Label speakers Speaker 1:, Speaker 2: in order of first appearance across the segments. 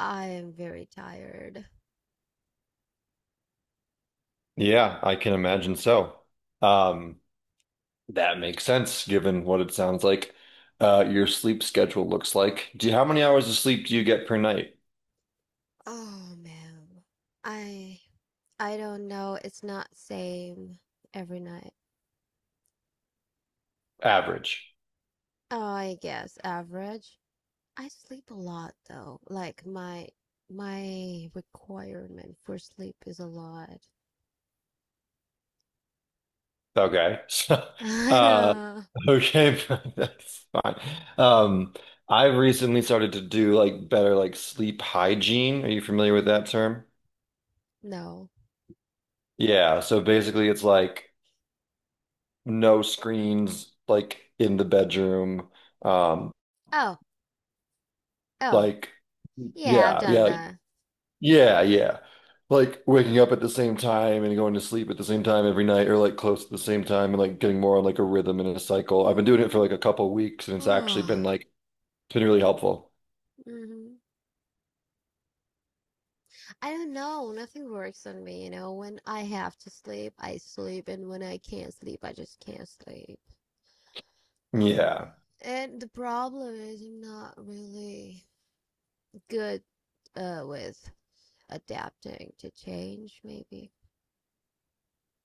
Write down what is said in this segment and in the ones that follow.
Speaker 1: I am very tired.
Speaker 2: Yeah, I can imagine so. Um, that makes sense given what it sounds like your sleep schedule looks like. How many hours of sleep do you get per night?
Speaker 1: Oh man. I I don't know. It's not same every night.
Speaker 2: Average.
Speaker 1: Oh, I guess average. I sleep a lot though. Like my requirement for sleep is a lot.
Speaker 2: Okay. So,
Speaker 1: I
Speaker 2: uh,
Speaker 1: don't
Speaker 2: okay, that's fine. Um, I've recently started to do like better like sleep hygiene. Are you familiar with that term?
Speaker 1: know.
Speaker 2: Yeah, so basically it's like no screens like in the bedroom. Um,
Speaker 1: Oh, oh.
Speaker 2: like
Speaker 1: Yeah, I've
Speaker 2: yeah,
Speaker 1: done
Speaker 2: yeah.
Speaker 1: that.
Speaker 2: Yeah, yeah. Like waking up at the same time and going to sleep at the same time every night or like close to the same time and like getting more on like a rhythm and a cycle. I've been doing it for like
Speaker 1: Oh,
Speaker 2: a couple weeks and it's actually been
Speaker 1: oh.
Speaker 2: like it's been really helpful.
Speaker 1: Mhm. I don't know. Nothing works on me, you know. When I have to sleep, I sleep, and when I can't sleep, I just can't sleep. Um,
Speaker 2: Yeah,
Speaker 1: and the problem is I'm not really good with adapting to change, maybe.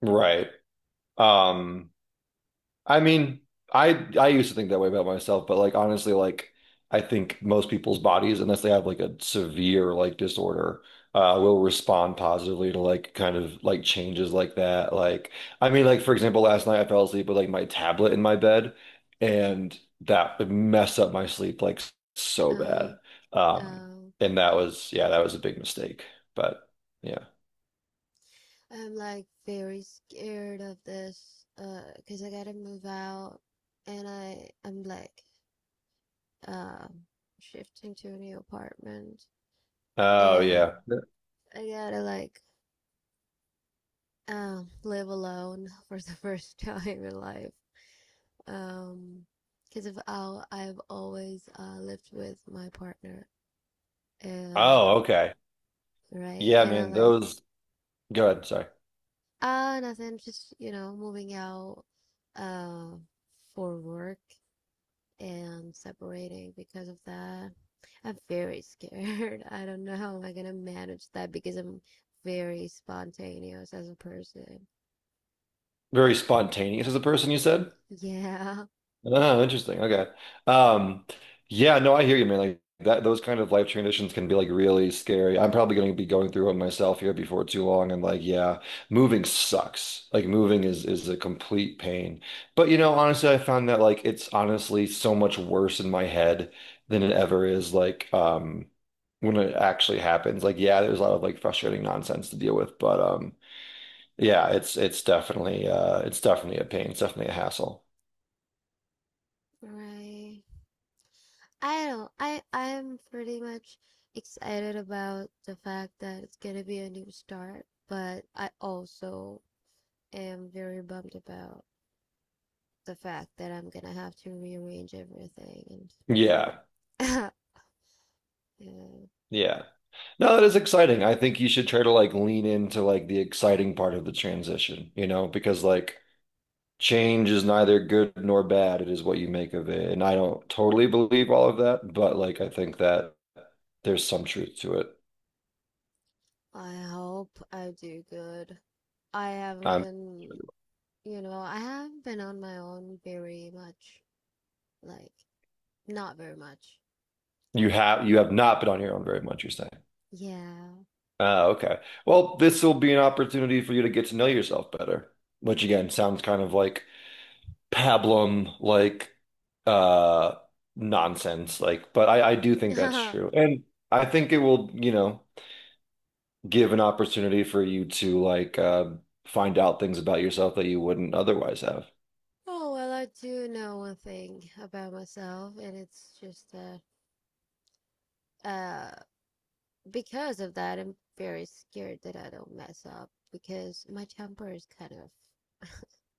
Speaker 2: right. Um I mean, I I used to think that way about myself, but like honestly, like I think most people's bodies, unless they have like a severe like disorder, will respond positively to like kind of like changes like that. Like I mean, like for example, last night I fell asleep with like my tablet in my bed, and that would mess up my sleep like so
Speaker 1: Um,
Speaker 2: bad.
Speaker 1: Uh,
Speaker 2: Um,
Speaker 1: um,
Speaker 2: and that was yeah, that was a big mistake. But yeah.
Speaker 1: I'm like very scared of this, because I gotta move out, and I'm like um shifting to a new apartment,
Speaker 2: Oh
Speaker 1: and
Speaker 2: yeah.
Speaker 1: I gotta like live alone for the first time in life. Um, because of how I've always lived with my partner, and
Speaker 2: Oh, okay.
Speaker 1: right,
Speaker 2: Yeah,
Speaker 1: and I'm
Speaker 2: man.
Speaker 1: like,
Speaker 2: Those. Go ahead. Sorry.
Speaker 1: nothing, just you know, moving out, uh, for work and separating because of that. I'm very scared. I don't know how I am gonna manage that because I'm very spontaneous as a person.
Speaker 2: Very spontaneous as a person, you said?
Speaker 1: Yeah,
Speaker 2: Oh, interesting. Okay. Um, yeah, no, I hear you, man. Like that, those kind of life transitions can be like really scary. I'm probably going to be going through one myself here before too long. And like, yeah, moving sucks. Like moving is a complete pain. But you know, honestly, I found that like it's honestly so much worse in my head than it ever is like when it actually happens. Like, yeah, there's a lot of like frustrating nonsense to deal with, but Yeah, it's definitely a pain. It's definitely a hassle.
Speaker 1: right. I don't I I'm pretty much excited about the fact that it's gonna be a new start, but I also am very bummed about the fact that I'm gonna have to rearrange everything
Speaker 2: Yeah.
Speaker 1: and yeah,
Speaker 2: Yeah. No, that is exciting. I think you should try to like lean into like the exciting part of the transition, you know, because like change is neither good nor bad. It is what you make of it. And I don't totally believe all of that, but like I think that there's some truth to it.
Speaker 1: I hope I do good. I haven't
Speaker 2: I'm
Speaker 1: been, you know, I haven't been on my own very much, like not very much.
Speaker 2: You have not been on your own very much, you're saying.
Speaker 1: Yeah.
Speaker 2: Oh, okay. Well, this will be an opportunity for you to get to know yourself better, which again sounds kind of like pablum like uh nonsense like but I do think that's true and I think it will you know give an opportunity for you to like find out things about yourself that you wouldn't otherwise have.
Speaker 1: Oh, well, I do know one thing about myself, and it's just that uh, because of that, I'm very scared that I don't mess up because my temper is kind of.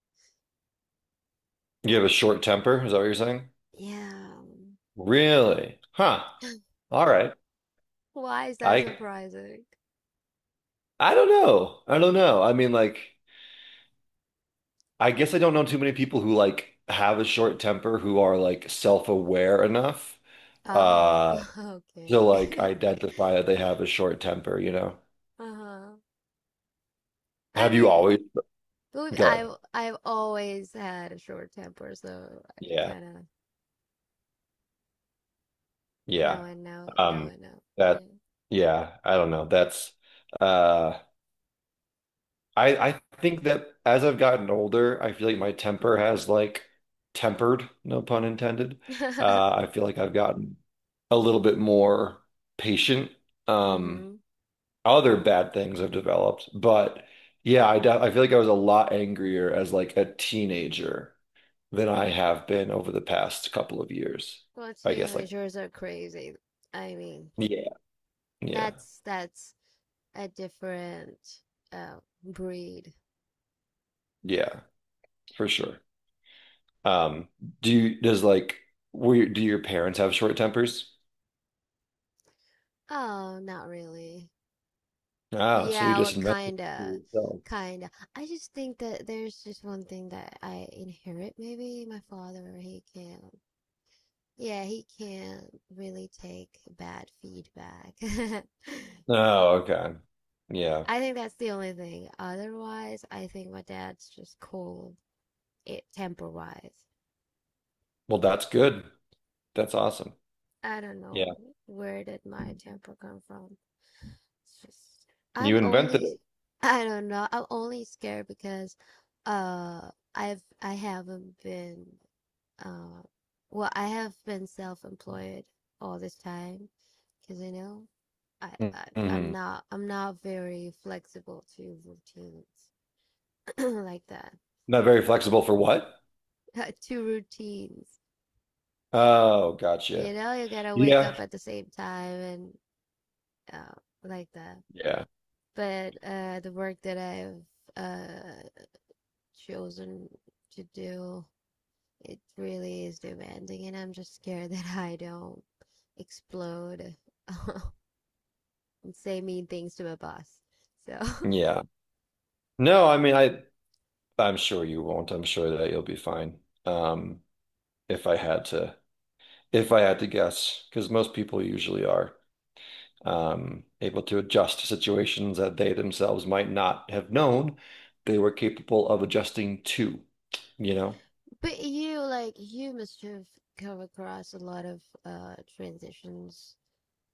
Speaker 2: You have a short temper, is that what you're saying?
Speaker 1: Yeah.
Speaker 2: Really, huh? All right,
Speaker 1: Why is that
Speaker 2: I
Speaker 1: surprising?
Speaker 2: I don't know, I don't know. I mean, like I guess I don't know too many people who like have a short temper who are like self-aware enough
Speaker 1: Oh,
Speaker 2: Uh to
Speaker 1: okay.
Speaker 2: like identify that they have a short temper, you know?
Speaker 1: Uh-huh. I
Speaker 2: Have you
Speaker 1: mean,
Speaker 2: always? Good.
Speaker 1: I've always had a short temper, so I
Speaker 2: Yeah.
Speaker 1: kind of now
Speaker 2: Yeah.
Speaker 1: I know, now
Speaker 2: Um,
Speaker 1: I know.
Speaker 2: that,
Speaker 1: Yeah.
Speaker 2: yeah, I don't know. Uh, I think that as I've gotten older, I feel like my temper has like tempered, no pun intended. I feel like I've gotten a little bit more patient. Um,
Speaker 1: Mm-hmm.
Speaker 2: other bad things have developed, but yeah, I feel like I was a lot angrier as like a teenager than I have been over the past couple of years.
Speaker 1: Well,
Speaker 2: I guess like
Speaker 1: teenagers are crazy. I mean,
Speaker 2: yeah, yeah,
Speaker 1: that's a different uh breed.
Speaker 2: yeah, for sure. Um, do you does like were your- Do your parents have short tempers?
Speaker 1: Oh, not really.
Speaker 2: Oh, so you
Speaker 1: Yeah, well,
Speaker 2: just invented it for
Speaker 1: kinda,
Speaker 2: yourself.
Speaker 1: kinda. I just think that there's just one thing that I inherit. Maybe my father, he can't. Yeah, he can't really take bad feedback.
Speaker 2: Oh, okay. Yeah.
Speaker 1: I think that's the only thing. Otherwise, I think my dad's just cold, it temper-wise.
Speaker 2: Well, that's good. That's awesome.
Speaker 1: I don't
Speaker 2: Yeah.
Speaker 1: know where did my temper come from. It's just
Speaker 2: You
Speaker 1: I'm
Speaker 2: invented
Speaker 1: only I don't know. I'm only scared because uh I haven't been uh well I have been self-employed all this time because you know I,
Speaker 2: it.
Speaker 1: I
Speaker 2: Hmm.
Speaker 1: I'm not very flexible to routines like that
Speaker 2: Not very flexible for what?
Speaker 1: to routines.
Speaker 2: Oh,
Speaker 1: You
Speaker 2: gotcha.
Speaker 1: know, you gotta wake up
Speaker 2: Yeah.
Speaker 1: at the same time and uh, like that.
Speaker 2: Yeah.
Speaker 1: But the work that I've chosen to do, it really is demanding, and I'm just scared that I don't explode and say mean things to my boss. So,
Speaker 2: Yeah. No, I mean, I'm sure you won't. I'm sure that you'll be fine. If I had to if I had to guess, because most people usually are able to adjust to situations that they themselves might not have known they were capable of adjusting to. You know,
Speaker 1: but you like you must have come across a lot of transitions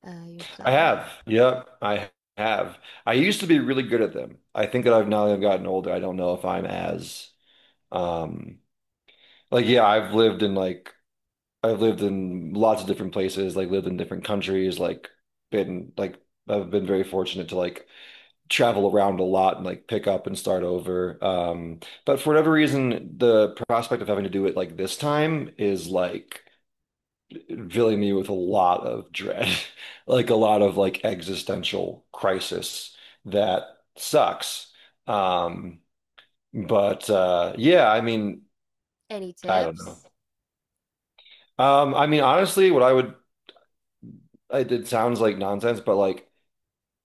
Speaker 2: I
Speaker 1: yourself.
Speaker 2: have. Yep, I have. I used to be really good at them. I think that I've now that I've gotten older, I don't know if I'm as um like yeah, I've lived in lots of different places, like lived in different countries, like been like I've been very fortunate to like travel around a lot and like pick up and start over. But for whatever reason, the prospect of having to do it like this time is like filling me with a lot of dread, like a lot of like existential crisis that sucks. Um, but yeah, I mean,
Speaker 1: Any
Speaker 2: I don't know.
Speaker 1: tips?
Speaker 2: I mean, honestly, it sounds like nonsense, but like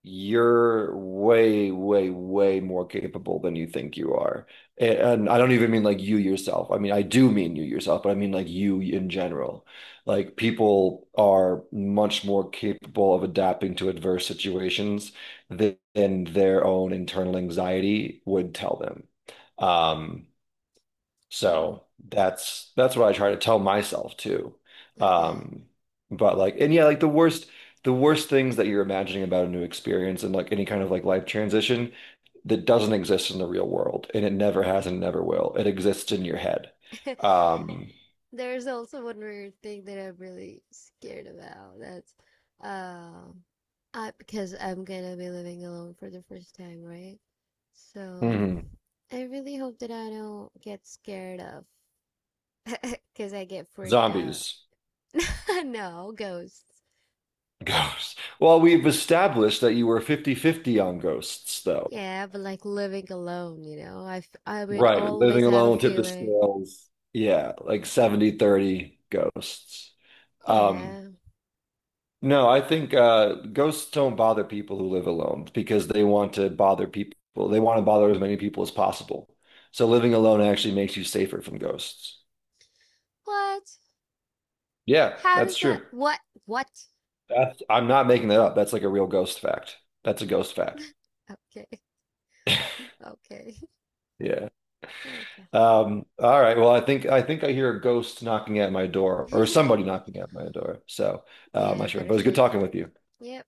Speaker 2: you're way, way, way more capable than you think you are. And I don't even mean like you yourself. I mean, I do mean you yourself, but I mean like you in general. Like people are much more capable of adapting to adverse situations than their own internal anxiety would tell them. Um,
Speaker 1: Oh,
Speaker 2: so that's what I try to tell myself too.
Speaker 1: okay.
Speaker 2: Um, but like, and yeah, like the worst things that you're imagining about a new experience and like any kind of like life transition that doesn't exist in the real world, and it never has and never will. It exists in your head. Um,
Speaker 1: There's also one weird thing that I'm really scared about. That's um I because I'm gonna be living alone for the first time, right? So
Speaker 2: mhm.
Speaker 1: I really hope that I don't get scared of because I get freaked out.
Speaker 2: Zombies,
Speaker 1: No, ghosts.
Speaker 2: ghosts. Well, we've established that you were 50/50 on ghosts, though.
Speaker 1: Yeah, but like living alone, you know, I would
Speaker 2: Right,
Speaker 1: always
Speaker 2: living
Speaker 1: have a
Speaker 2: alone tip the
Speaker 1: feeling.
Speaker 2: scales. Yeah, like 70/30 ghosts. Um,
Speaker 1: Yeah.
Speaker 2: No, I think ghosts don't bother people who live alone because they want to bother people. They want to bother as many people as possible. So living alone actually makes you safer from ghosts.
Speaker 1: What?
Speaker 2: Yeah,
Speaker 1: How
Speaker 2: that's
Speaker 1: does that?
Speaker 2: true.
Speaker 1: What? What?
Speaker 2: That's, I'm not making that up. That's like a real ghost fact. That's a ghost fact.
Speaker 1: Okay. Okay.
Speaker 2: Yeah.
Speaker 1: Okay.
Speaker 2: All right. Well, I think I hear a ghost knocking at my door or somebody knocking at my door. So, I'm
Speaker 1: Yeah, I
Speaker 2: not sure, but
Speaker 1: better
Speaker 2: it was good
Speaker 1: check
Speaker 2: talking
Speaker 1: that.
Speaker 2: with you.
Speaker 1: Yep.